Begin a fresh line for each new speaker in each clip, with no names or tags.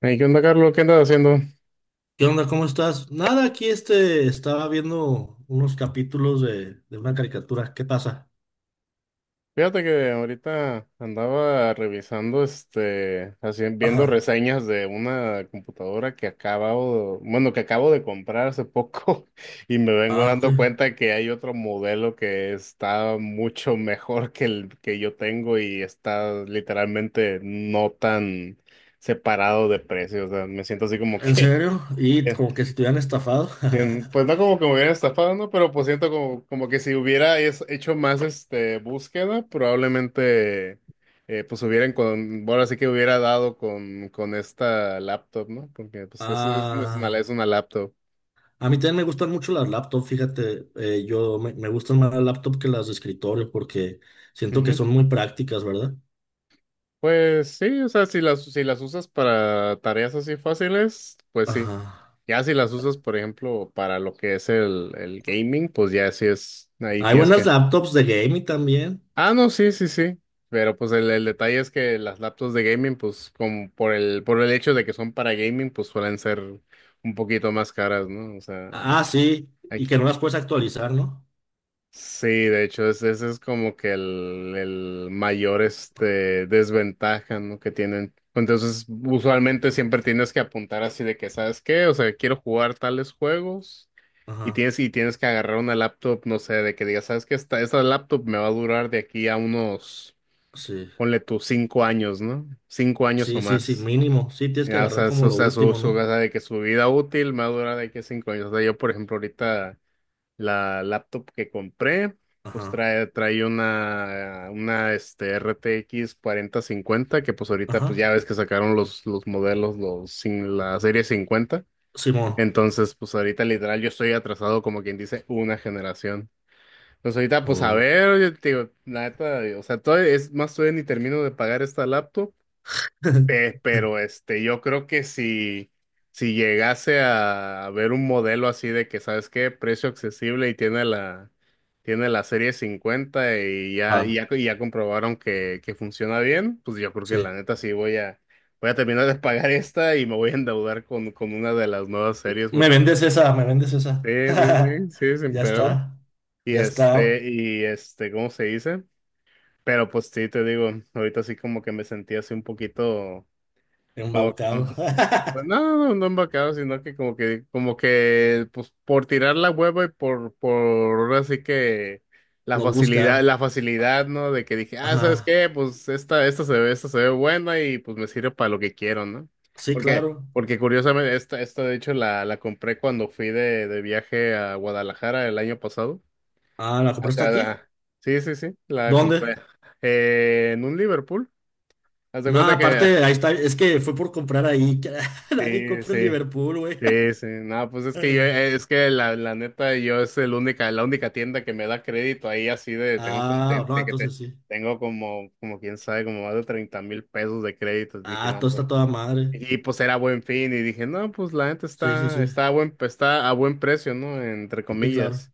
Hey, ¿qué onda, Carlos? ¿Qué andas haciendo?
¿Qué onda? ¿Cómo estás? Nada, aquí estaba viendo unos capítulos de una caricatura. ¿Qué pasa?
Fíjate que ahorita andaba revisando, viendo
Ajá.
reseñas de una computadora que acabo de comprar hace poco y me vengo
Ah, ¿qué?
dando cuenta que hay otro modelo que está mucho mejor que el que yo tengo y está literalmente no tan separado de precio. O sea, me siento así como
¿En
que
serio? Y como que si te hubieran estafado.
bien. Pues no como que me hubieran estafado, ¿no? Pero pues siento como que si hubiera hecho más búsqueda, probablemente, pues sí que hubiera dado con esta laptop, ¿no? Porque pues es, es, es una, es
Ah,
una laptop.
a mí también me gustan mucho las laptops, fíjate. Yo me gustan más las laptops que las de escritorio porque siento que
Ujú.
son muy prácticas, ¿verdad?
Pues sí, o sea, si las usas para tareas así fáciles, pues sí.
Ajá.
Ya si las usas, por ejemplo, para lo que es el gaming, pues ya sí es, ahí
Hay
tienes que...
buenas laptops de gaming también.
Ah, no, sí, sí, sí. Pero pues el detalle es que las laptops de gaming, pues como por el hecho de que son para gaming, pues suelen ser un poquito más caras, ¿no? O sea,
Ah, sí. Y
aquí-
que no las puedes actualizar, ¿no?
sí, de hecho, ese es como que el mayor desventaja, ¿no? Que tienen. Entonces, usualmente siempre tienes que apuntar así de que, ¿sabes qué? O sea, quiero jugar tales juegos. Y
Ajá.
tienes, y tienes que agarrar una laptop, no sé, de que digas, ¿sabes qué? Esta laptop me va a durar de aquí a unos,
Sí.
ponle tus 5 años, ¿no? 5 años o
Sí, sí, sí,
más.
mínimo. Sí, tienes que
Ya, o
agarrar
sea,
como lo último,
o sea,
¿no?
de que su vida útil más dura de que 5 años. O sea, yo, por ejemplo, ahorita la laptop que compré, pues
Ajá,
trae una RTX 50, que pues ahorita, pues
ajá.
ya ves que sacaron los modelos, los, sin, la serie 50.
Simón.
Entonces, pues ahorita literal yo estoy atrasado como quien dice una generación. Pues ahorita, pues a
Oh.
ver, yo te digo, la neta, o sea, todavía es más, todavía ni termino de pagar esta laptop. Yo creo que si llegase a ver un modelo así de que, ¿sabes qué? Precio accesible y tiene la serie 50 y ya, y
Ah,
ya, y ya comprobaron que funciona bien, pues yo creo que la
sí.
neta sí voy a terminar de pagar esta y me voy a endeudar con una de las nuevas series
Me
porque
vendes esa, me vendes esa.
sí, sí, sí, sí, sin
Ya
pedo.
está. Ya está
¿Cómo se dice? Pero pues sí, te digo, ahorita sí como que me sentí así un poquito.
embaucado.
Pues no, no, no embarcado, sino que pues, por tirar la hueva y ahora sí que la
Lo
facilidad,
buscar.
la facilidad, ¿no? De que dije, ah, ¿sabes
Ajá.
qué? Pues esta se ve buena y pues me sirve para lo que quiero, ¿no?
Sí,
Porque,
claro.
porque curiosamente, esta de hecho la compré cuando fui de viaje a Guadalajara el año pasado.
Ah, ¿la
O
compraste
sea,
aquí?
la- sí, sí, sí, la
¿Dónde?
compré, en un Liverpool. Haz de
No,
cuenta que...
aparte, ahí está. Es que fue por comprar ahí. Nadie
sí,
compra en
sí.
Liverpool, güey.
Sí, sí, no, pues es que yo, es que la neta, yo es la única tienda que me da crédito ahí, así de, tengo como,
Ah,
te-
no,
te- que te-
entonces sí.
tengo como, como quién sabe, como más de 30,000 pesos de créditos, dije,
Ah,
no,
todo
pues,
está toda madre.
y pues era buen fin, y dije, no, pues la neta
Sí, sí,
está,
sí.
está a buen precio, ¿no? Entre
Sí, claro.
comillas.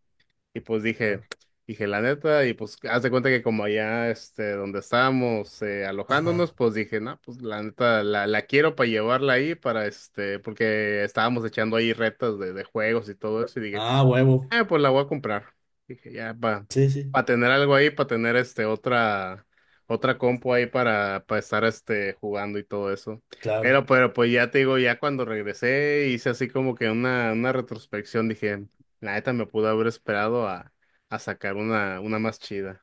Y pues
Claro.
dije, la neta, y pues haz de cuenta que como allá, donde estábamos,
Ajá.
alojándonos, pues dije, no, pues la neta, la quiero para llevarla ahí, para porque estábamos echando ahí retas de juegos y todo eso, y dije...
Ah, huevo.
Ah, pues la voy a comprar. Dije, ya, para
Sí, sí,
tener algo ahí, para tener otra compu ahí para estar jugando y todo eso.
claro.
Pero pues ya te digo, ya cuando regresé, hice así como que una retrospección. Dije, la neta me pudo haber esperado a sacar una más chida.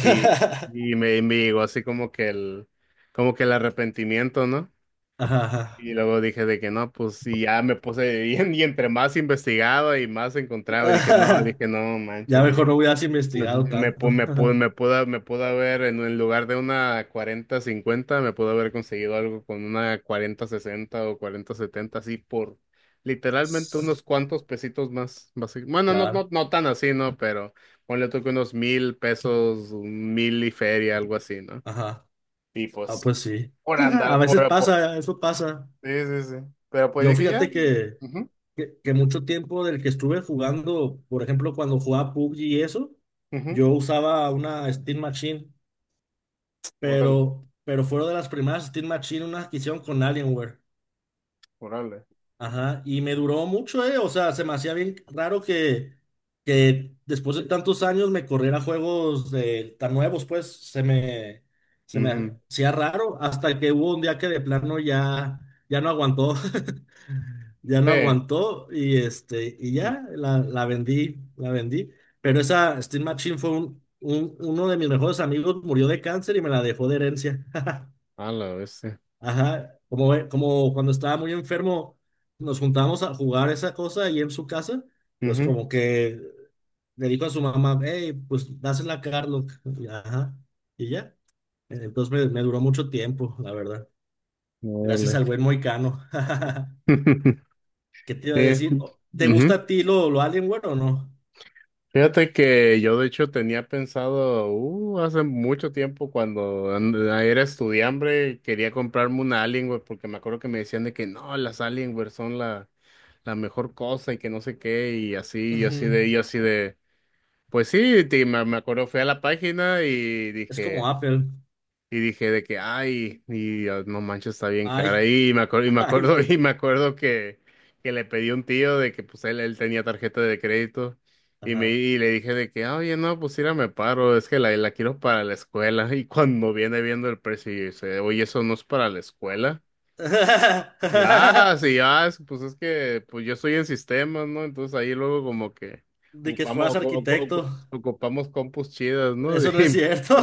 Y, y me, me llegó así como que el arrepentimiento, ¿no?
Ajá, ajá.
Y luego dije de que no, pues y ya me puse, y entre más investigaba y más encontraba, y
Ajá.
dije, no,
Ya
manches,
mejor no hubieras
no,
investigado tanto.
me pudo haber, en lugar de una 4050, me pudo haber conseguido algo con una 4060 o 4070, así por literalmente unos cuantos pesitos más, bueno, no,
Claro.
no, no tan así, ¿no? Pero ponle tú que unos 1,000 pesos, un mil y feria, algo así, ¿no?
Ajá.
Y
Ah,
pues,
pues sí.
por
A
andar,
veces
por
pasa, eso pasa.
sí, sí, sí. Pero pues
Yo
dije, ya.
fíjate
Ujú,
que mucho tiempo del que estuve jugando, por ejemplo, cuando jugaba PUBG y eso,
ujú.
yo usaba una Steam Machine,
Órale,
pero fueron de las primeras Steam Machine, una adquisición con Alienware.
órale.
Ajá, y me duró mucho, ¿eh? O sea, se me hacía bien raro que después de tantos años me corriera juegos de, tan nuevos, pues se me
Ujú.
hacía raro hasta que hubo un día que de plano ya, ya no aguantó, ya no
Sí.
aguantó y, este, y
Mm.
ya la vendí, la vendí. Pero esa Steam Machine fue un, uno de mis mejores amigos, murió de cáncer y me la dejó de herencia.
A la vez, sí.
Ajá, como, como cuando estaba muy enfermo, nos juntábamos a jugar esa cosa ahí en su casa, pues
Ujú.
como que le dijo a su mamá, hey, pues dásela a Carlos, y, ajá, y ya. Entonces me duró mucho tiempo, la verdad. Gracias
Órale.
al buen Moicano. ¿Qué te iba a
Sí.
decir? ¿Te gusta
Ujú.
a ti lo Alienware o no?
Fíjate que yo de hecho tenía pensado, hace mucho tiempo cuando era estudiante, quería comprarme una Alienware porque me acuerdo que me decían de que no, las Alienware son la mejor cosa y que no sé qué, y así,
Ujú.
y así de, pues sí, me acuerdo, fui a la página y
Es como
dije,
Apple.
y dije de que, ay, y ah, no manches, está bien cara.
Ay,
Y me acuerdo,
ay,
y me acuerdo que le pedí a un tío de que pues él tenía tarjeta de crédito.
ajá.
Y le dije de que, "Ah, oye, no, pues mira, me paro, es que la quiero para la escuela". Y cuando viene viendo el precio, y dice, oye, eso no es para la escuela. Pues es que pues yo estoy en sistemas, ¿no? Entonces ahí luego como que
De que
ocupamos,
fueras
ocu- ocu-
arquitecto.
ocu- ocupamos compus chidas, ¿no?
Eso no es cierto.
Y,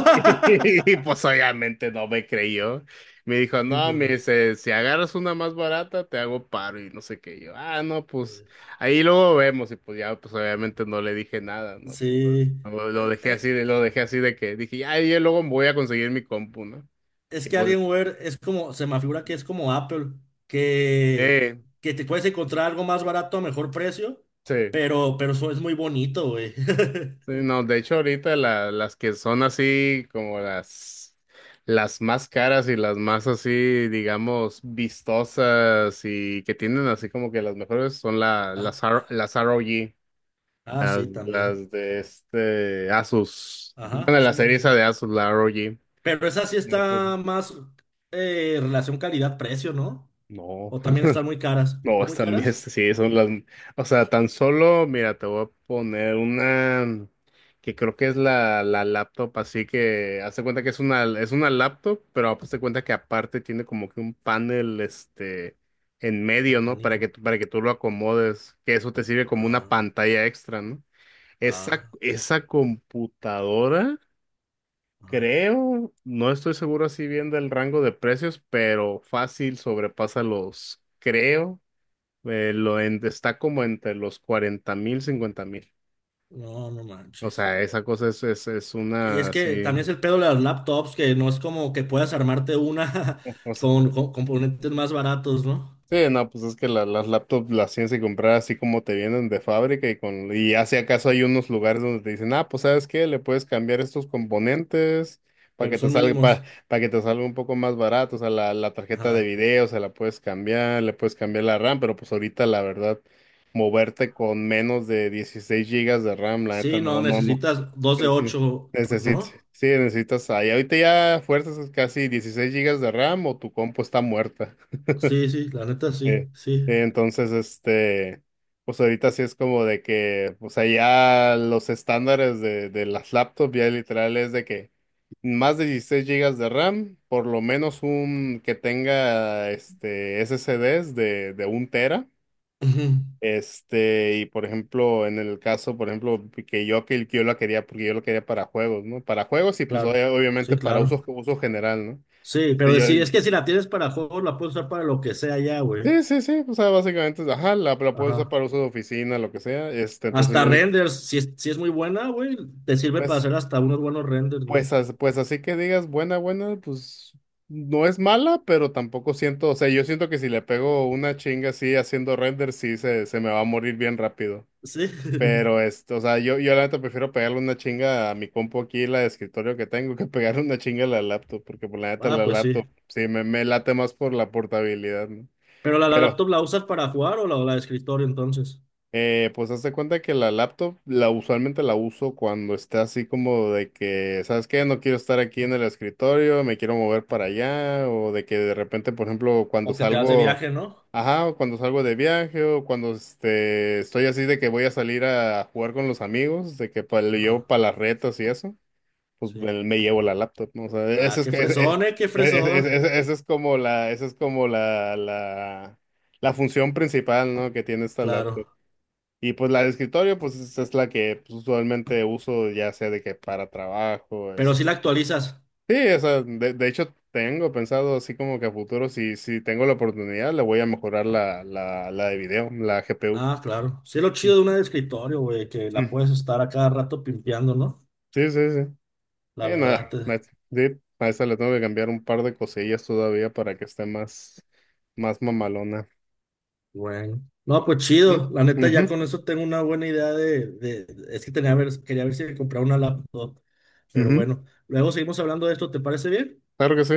pues obviamente no me creyó. Me dijo,
Sí,
no,
pues,
me
no.
dice, si agarras una más barata, te hago paro y no sé qué. Yo, ah, no, pues ahí luego vemos. Y pues ya, pues obviamente no le dije nada, ¿no? Pues
Sí.
lo
Eh,
dejé así
eh,
de, lo dejé así de que dije, ya, yo luego voy a conseguir mi compu, ¿no?
es
Y
que
pues,
Alienware es como, se me figura que es como Apple, que,
eh,
que te puedes encontrar algo más barato a mejor precio,
sí.
pero eso es muy bonito, güey.
Sí, no, de hecho ahorita las que son así como las más caras y las más así, digamos, vistosas y que tienen así como que las mejores son
Ah,
las ROG,
ah,
las,
sí, también.
las de Asus.
Ajá,
Bueno, la
sí, sí,
serie
sí.
esa de Asus, la ROG.
Pero esa sí está más relación calidad-precio, ¿no?
No.
O también están muy caras.
No,
¿Están muy
están bien,
caras?
sí, son las, o sea, tan solo, mira, te voy a poner una que creo que es la laptop, así que hazte cuenta que es una laptop, pero hazte cuenta que aparte tiene como que un panel, en
Ah,
medio, ¿no? Para que,
canijo.
para que tú lo acomodes, que eso te sirve como una
Ah,
pantalla extra, ¿no? Esa,
ah,
esa computadora,
ah.
creo, no estoy seguro así bien del rango de precios, pero fácil sobrepasa los, creo. Está como entre los 40,000, 50,000.
No, no
O
manches.
sea, esa cosa es, es, es
Y
una
es que también
así.
es el pedo de las laptops, que no es como que puedas armarte una con componentes más baratos, ¿no?
Sí, no, pues es que las laptops las tienes que comprar así como te vienen de fábrica y con y ya si acaso hay unos lugares donde te dicen, ah, pues sabes qué, le puedes cambiar estos componentes para
Pero
que te
son
salga
mínimos.
para que te salga un poco más barato, o sea, la tarjeta de
Ajá.
video se la puedes cambiar, le puedes cambiar la RAM, pero pues ahorita la verdad moverte con menos de 16 gigas de RAM, la neta,
Sí, no,
no, no, no.
necesitas dos de
Nece-
ocho,
Necesitas,
¿no?
sí, necesitas ahí. Ahorita ya fuerzas casi 16 gigas de RAM o tu compu está muerta.
Sí, sí, la neta sí,
Eh,
sí.
entonces, pues ahorita sí es como de que, o sea, ya los estándares de las laptops ya literal es de que más de 16 gigas de RAM, por lo menos un que tenga SSDs de un tera.
Ujú.
Y por ejemplo, en el caso, por ejemplo, que yo la quería, porque yo lo quería para juegos, ¿no? Para juegos y pues
Claro,
obviamente
sí,
para
claro.
uso general, ¿no?
Sí,
Entonces
pero
yo,
sí, es que si la tienes para juegos, la puedes usar para lo que sea ya, güey.
sí, sí, sí, o sea, básicamente, ajá, la puedes usar
Ajá.
para uso de oficina, lo que sea, entonces
Hasta
yo dije,
renders, si es, si es muy buena, güey, te sirve para
pues,
hacer hasta unos buenos renders, güey.
pues, pues así que digas, buena, buena, pues, no es mala, pero tampoco siento, o sea, yo siento que si le pego una chinga así haciendo render, sí, se me va a morir bien rápido,
Sí.
pero, o sea, yo la neta prefiero pegarle una chinga a mi compu aquí, la de escritorio que tengo, que pegarle una chinga a la laptop, porque por la neta
Ah,
la
pues
laptop,
sí.
sí, me late más por la portabilidad, ¿no?
Pero la laptop la usas para jugar o la de escritorio entonces.
Pues hazte cuenta que la laptop la usualmente la uso cuando está así como de que, ¿sabes qué? No quiero estar aquí en el escritorio, me quiero mover para allá, o de que de repente, por ejemplo, cuando
O que te das de
salgo,
viaje, ¿no?
ajá, o cuando salgo de viaje, o cuando estoy así de que voy a salir a jugar con los amigos, de que le llevo
Ajá,
para las retas y eso, pues
sí.
me llevo la laptop, ¿no? O sea, eso
Ah,
es,
qué fresón, qué fresón.
esa es como la, la función principal, ¿no? Que tiene esta laptop.
Claro.
Y pues la de escritorio, pues es la que pues, usualmente uso, ya sea de que para trabajo,
Pero si la actualizas.
Sí, o sea, de hecho tengo pensado así como que a futuro, si tengo la oportunidad, le voy a mejorar la de video, la GPU.
Ah, claro. Sí, es lo
Mm,
chido de una de escritorio, güey, que la
mm.
puedes estar a cada rato pimpeando, ¿no?
Sí, sí, sí.
La verdad,
Nada,
te...
ma- sí, a esa le tengo que cambiar un par de cosillas todavía para que esté más mamalona.
bueno. No, pues
Ujú,
chido. La neta,
ujú,
ya con eso tengo una buena idea de- Es que tenía ver, quería ver si me compraba una laptop. Pero
ujú.
bueno, luego seguimos hablando de esto, ¿te parece bien?
Claro que sí.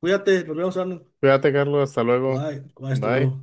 Cuídate, nos vemos, Arnold.
Cuídate, Carlos, hasta luego.
Bye, bye, hasta
Bye.
luego.